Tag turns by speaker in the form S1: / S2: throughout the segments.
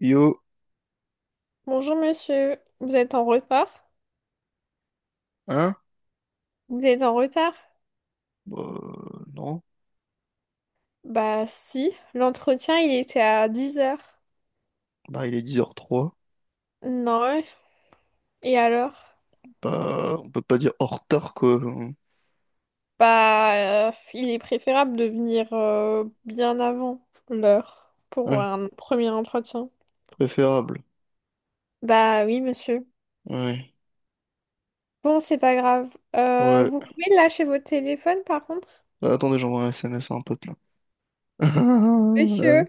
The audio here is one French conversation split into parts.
S1: Yo,
S2: Bonjour monsieur, vous êtes en retard?
S1: hein?
S2: Vous êtes en retard?
S1: Non.
S2: Bah si, l'entretien il était à 10 heures.
S1: Bah, il est 10h03.
S2: Non, et alors?
S1: Bah, on peut pas dire en retard, quoi.
S2: Bah, il est préférable de venir bien avant l'heure pour
S1: Ouais,
S2: un premier entretien.
S1: préférable.
S2: Bah oui monsieur.
S1: Ouais,
S2: Bon c'est pas grave.
S1: ouais.
S2: Vous pouvez lâcher votre téléphone par contre?
S1: Ah, attendez, j'envoie un S M S à un pote, là. Euh,
S2: Monsieur,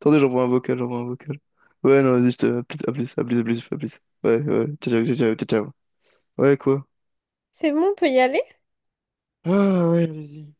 S1: Attendez, j'envoie un vocal, j'envoie un vocal. Ouais, non, vas-y, je te... à plus, à plus, à plus, à plus, à plus. Ouais, ouais, ciao, ciao, ciao, ciao, ciao. Ciao. Ouais, quoi?
S2: c'est bon, on peut y aller?
S1: Ah, ouais, allez-y.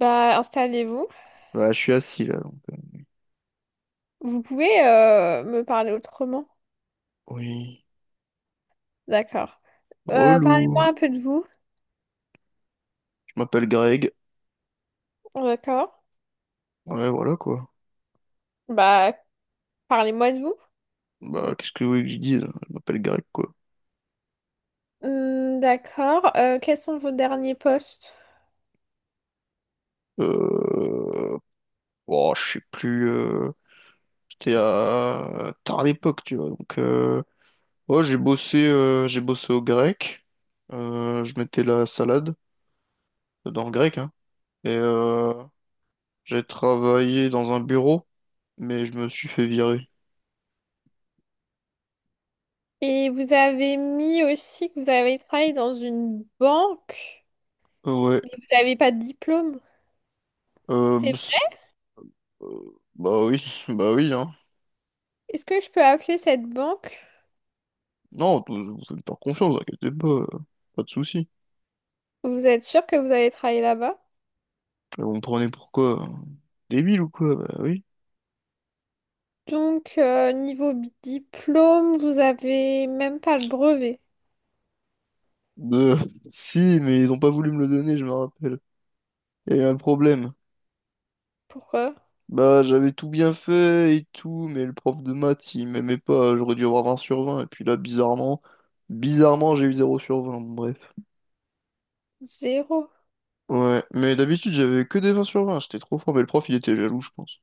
S2: Bah installez-vous.
S1: Bah, je suis assis, là, donc.
S2: Vous pouvez me parler autrement.
S1: Oui.
S2: D'accord. Parlez-moi
S1: Relou.
S2: un peu de vous.
S1: Je m'appelle Greg.
S2: D'accord.
S1: Ouais, voilà, quoi.
S2: Bah, parlez-moi de vous.
S1: Bah, qu'est-ce que vous voulez que je dise? Je m'appelle Greg, quoi.
S2: Hmm, d'accord. Quels sont vos derniers postes?
S1: Euh... Oh, je sais plus. C'était à tard à l'époque, tu vois. Donc, ouais, j'ai bossé au grec. Je mettais la salade dans le grec, hein. Et j'ai travaillé dans un bureau, mais je me suis fait virer.
S2: Et vous avez mis aussi que vous avez travaillé dans une banque,
S1: Ouais.
S2: mais vous n'avez pas de diplôme.
S1: Euh,
S2: C'est
S1: bs-
S2: vrai.
S1: Bah oui, bah oui, hein.
S2: Est-ce que je peux appeler cette banque?
S1: Non, vous pouvez me faire confiance, inquiétez pas, pas de soucis.
S2: Vous êtes sûr que vous avez travaillé là-bas?
S1: Et vous me prenez pour quoi, hein? Débile ou quoi? Bah oui.
S2: Donc, niveau diplôme, vous avez même pas le brevet.
S1: Euh, Si, mais ils ont pas voulu me le donner, je me rappelle. Il y a eu un problème.
S2: Pourquoi?
S1: Bah, j'avais tout bien fait et tout, mais le prof de maths, il m'aimait pas, j'aurais dû avoir 20/20 et puis là, bizarrement, bizarrement, j'ai eu zéro sur vingt. Bon, bref.
S2: Zéro.
S1: Ouais, mais d'habitude, j'avais que des 20 sur vingt. J'étais trop fort, mais le prof, il était jaloux, je pense.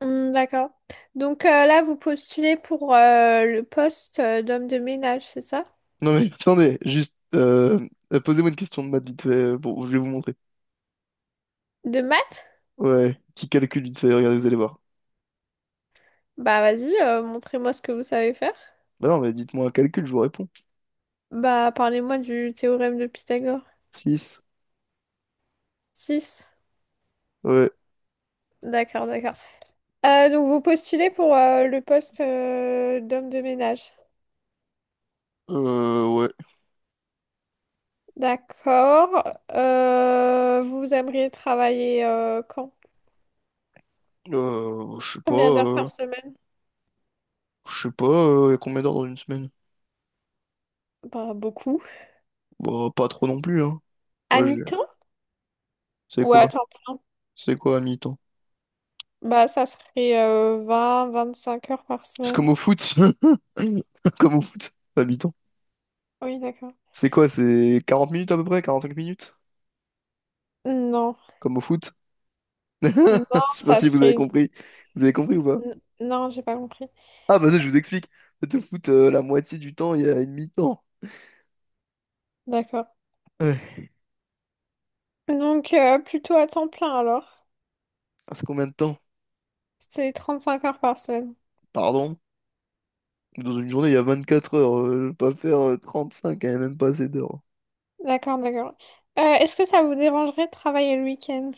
S2: Hmm, d'accord. Donc, là, vous postulez pour le poste d'homme de ménage, c'est ça?
S1: Non mais, attendez, juste, posez-moi une question de maths vite fait, bon, je vais vous montrer.
S2: De maths?
S1: Ouais, petit calcul vite fait, regardez, vous allez voir.
S2: Bah vas-y, montrez-moi ce que vous savez faire.
S1: Bah non, mais dites-moi un calcul, je vous réponds.
S2: Bah parlez-moi du théorème de Pythagore.
S1: Six.
S2: Six.
S1: Ouais,
S2: D'accord, d'accord. Donc vous postulez pour le poste d'homme de ménage.
S1: ouais,
S2: D'accord. Vous aimeriez travailler quand?
S1: euh, je sais pas,
S2: Combien d'heures
S1: euh,
S2: par semaine?
S1: je sais pas, y a combien d'heures dans une semaine?
S2: Bah beaucoup.
S1: Bah, pas trop non plus, hein.
S2: À
S1: Ouais,
S2: mi-temps
S1: C'est
S2: ou
S1: quoi?
S2: à temps plein?
S1: C'est quoi à mi-temps?
S2: Bah ça serait 25 heures par
S1: C'est comme
S2: semaine.
S1: au foot. Comme au foot, à mi-temps.
S2: Oui, d'accord.
S1: C'est quoi? C'est 40 minutes à peu près? Quarante-cinq minutes?
S2: Non,
S1: Comme au foot? Je
S2: non,
S1: sais pas
S2: ça
S1: si vous avez
S2: serait...
S1: compris. Vous avez compris ou pas?
S2: Non, j'ai pas compris.
S1: Ah bah ça, je vous explique. Le foot, la moitié du temps, il y a une mi-temps.
S2: D'accord.
S1: Ouais.
S2: Donc, plutôt à temps plein alors.
S1: Ah, c'est combien de temps?
S2: C'est 35 heures par semaine.
S1: Pardon? Dans une journée, il y a 24 heures. Je vais pas faire 35, hein, même pas assez d'heures.
S2: D'accord, d'accord. Est-ce que ça vous dérangerait de travailler le week-end?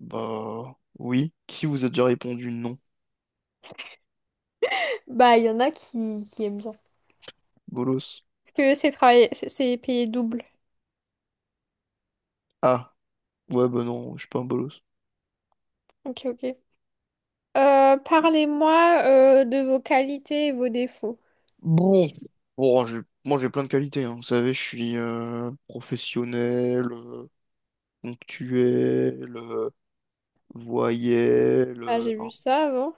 S1: Bah oui. Qui vous a déjà répondu non?
S2: Bah, il y en a qui aiment bien.
S1: Bolos.
S2: Ce que c'est travailler, c'est payé double.
S1: Ah. Ouais, bah non, je suis pas un bolos.
S2: Ok, ok. Parlez-moi de vos qualités et vos défauts.
S1: Bon, bon, moi j'ai plein de qualités, hein. Vous savez, je suis professionnel, ponctuel, voyelle,
S2: Ah, j'ai vu
S1: enfin,
S2: ça avant.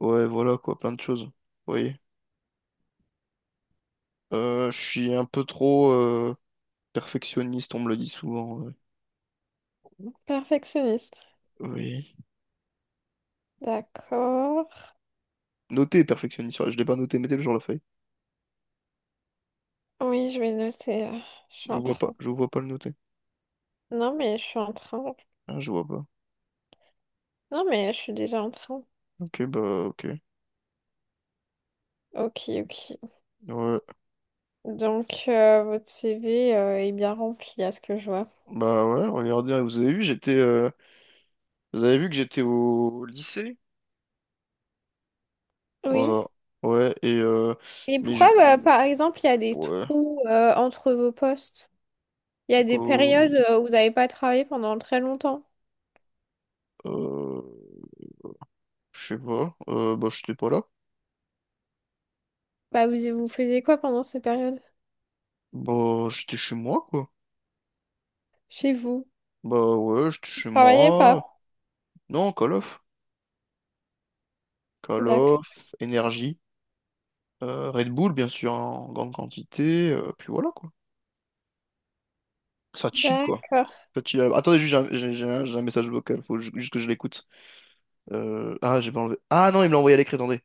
S1: ouais, voilà quoi, plein de choses. Vous voyez. Je suis un peu trop perfectionniste, on me le dit souvent. Ouais.
S2: Perfectionniste.
S1: Oui.
S2: D'accord.
S1: Noté perfectionniste, ouais, je l'ai pas noté, mettez-le sur la feuille.
S2: Oui, je vais noter là. Je suis en train.
S1: Je vois pas le noter.
S2: Non, mais je suis en train.
S1: Ah, je vois pas.
S2: Non, mais je suis déjà en train.
S1: Ok, bah ok.
S2: Ok, ok.
S1: Ouais.
S2: Donc, votre CV est bien rempli à ce que je vois.
S1: Bah ouais, regardez, hein, vous avez vu, j'étais vous avez vu que j'étais au lycée?
S2: Oui.
S1: Voilà. Ouais, et
S2: Mais
S1: mais je
S2: pourquoi, bah, par exemple, il y a des
S1: ouais,
S2: trous entre vos postes? Il y a des
S1: quoi,
S2: périodes où vous n'avez pas travaillé pendant très longtemps.
S1: euh, je sais pas, bah j'étais pas là.
S2: Bah, vous faisiez quoi pendant ces périodes?
S1: Bah j'étais chez moi quoi.
S2: Chez vous?
S1: Bah ouais, j'étais
S2: Vous
S1: chez
S2: travaillez
S1: moi.
S2: pas?
S1: Non, Call of. Call
S2: D'accord.
S1: of, énergie, Red Bull bien sûr en grande quantité, puis voilà quoi. Ça chill quoi.
S2: D'accord.
S1: Ça chill. Attendez, juste j'ai un message vocal, faut juste que je l'écoute. Ah, j'ai pas enlevé. Ah non, il me l'a envoyé à l'écrit, attendez.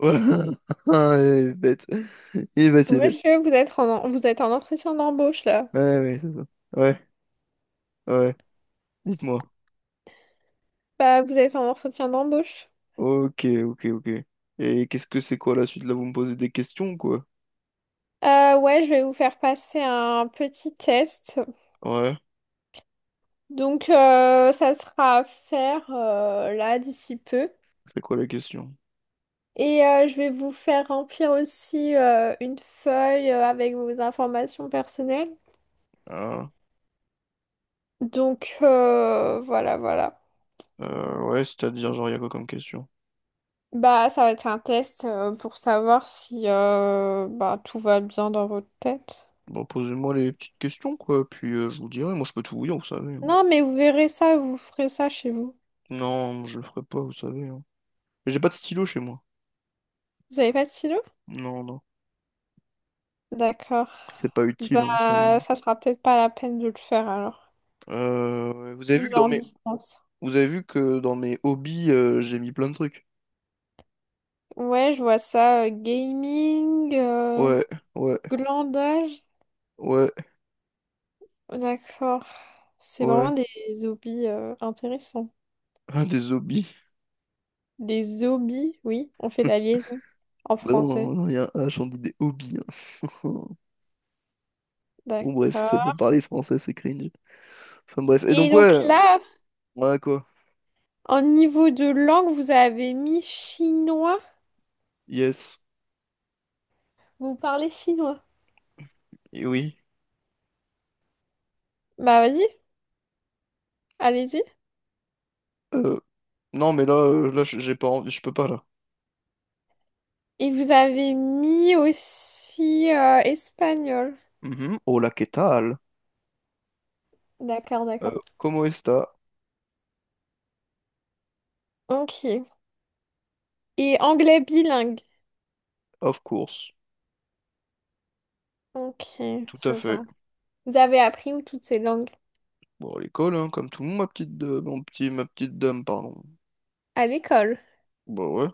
S1: Ouais. Ah, il est bête. Il est bête, il est bête.
S2: Monsieur, vous êtes en entretien d'embauche, là.
S1: Ouais, ouais, c'est ça. Ouais. Ouais. Dites-moi.
S2: Bah, vous êtes en entretien d'embauche.
S1: Ok, ok, ok. Et qu'est-ce que c'est quoi la suite? Là, vous me posez des questions, quoi?
S2: Ouais, je vais vous faire passer un petit test.
S1: Ouais,
S2: Donc, ça sera à faire là d'ici peu.
S1: c'est quoi la question?
S2: Et je vais vous faire remplir aussi une feuille avec vos informations personnelles.
S1: Ah,
S2: Donc, voilà, voilà.
S1: ouais, c'est-à-dire, genre, il y a quoi comme question?
S2: Bah, ça va être un test pour savoir si bah, tout va bien dans votre tête.
S1: Bon, posez-moi les petites questions, quoi, puis je vous dirai. Moi, je peux tout vous dire, vous savez, hein.
S2: Non, mais vous verrez ça, vous ferez ça chez vous.
S1: Non, je le ferai pas, vous savez, hein. J'ai pas de stylo chez moi.
S2: Vous avez pas de stylo?
S1: Non, non.
S2: D'accord.
S1: C'est pas utile, hein, vous savez.
S2: Bah, ça sera peut-être pas la peine de le faire alors.
S1: Ouais,
S2: Vous en distance.
S1: Vous avez vu que dans mes hobbies, j'ai mis plein de trucs.
S2: Ouais, je vois ça. Gaming,
S1: Ouais, ouais,
S2: glandage.
S1: ouais,
S2: D'accord. C'est
S1: ouais.
S2: vraiment des hobbies intéressants.
S1: Un des hobbies.
S2: Des hobbies, oui, on fait la liaison en
S1: Bah non,
S2: français.
S1: non, non, il y a un H, on dit des hobbies, hein. Bon, bref, ça savez pas
S2: D'accord.
S1: parler français, c'est cringe. Enfin, bref. Et
S2: Et
S1: donc,
S2: donc
S1: ouais,
S2: là,
S1: ouais, quoi.
S2: en niveau de langue, vous avez mis chinois.
S1: Yes.
S2: Vous parlez chinois.
S1: Et oui.
S2: Bah vas-y, allez-y.
S1: Euh, non, mais là, là, j'ai pas envie, je peux pas, là.
S2: Et vous avez mis aussi espagnol.
S1: Mhm. Hola, ¿qué tal?
S2: D'accord, d'accord.
S1: ¿Cómo está?
S2: Ok. Et anglais bilingue.
S1: Of course.
S2: Ok,
S1: Tout
S2: je
S1: à fait.
S2: vois. Vous avez appris où toutes ces langues?
S1: Bon, à l'école, hein, comme tout le monde, mon petit, ma petite dame, pardon.
S2: À l'école.
S1: Bah ouais.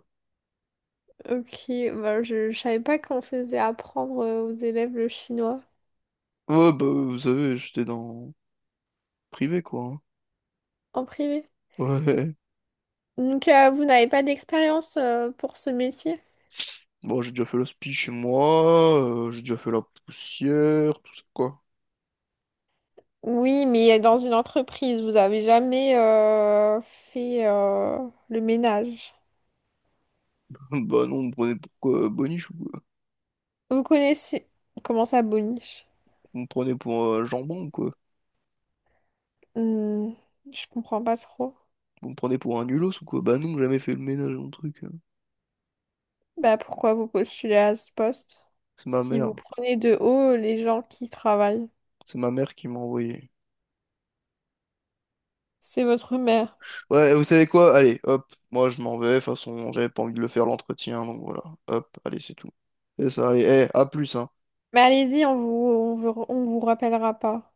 S2: Ok, bah, je savais pas qu'on faisait apprendre aux élèves le chinois
S1: Ouais, bah, vous savez, j'étais dans privé, quoi, hein.
S2: en privé.
S1: Ouais.
S2: Donc, vous n'avez pas d'expérience pour ce métier?
S1: Bon, j'ai déjà fait la spie chez moi, j'ai déjà fait la poussière, tout ça, quoi.
S2: Oui, mais dans une entreprise, vous avez jamais fait le ménage.
S1: Bah non, on me prenait pour quoi, boniche ou quoi?
S2: Vous connaissez comment ça boniche?
S1: On me prenait pour jambon ou quoi?
S2: Hmm, je comprends pas trop.
S1: Vous me prenez pour un nulos ou quoi? Bah non, j'ai jamais fait le ménage mon truc, hein.
S2: Bah, pourquoi vous postulez à ce poste?
S1: C'est ma
S2: Si vous
S1: mère.
S2: prenez de haut les gens qui travaillent,
S1: C'est ma mère qui m'a envoyé.
S2: c'est votre mère.
S1: Ouais, vous savez quoi? Allez, hop, moi je m'en vais. De toute façon, j'avais pas envie de le faire l'entretien, donc voilà. Hop, allez, c'est tout. C'est ça, allez, eh, à plus, hein.
S2: Mais allez-y, on vous rappellera pas.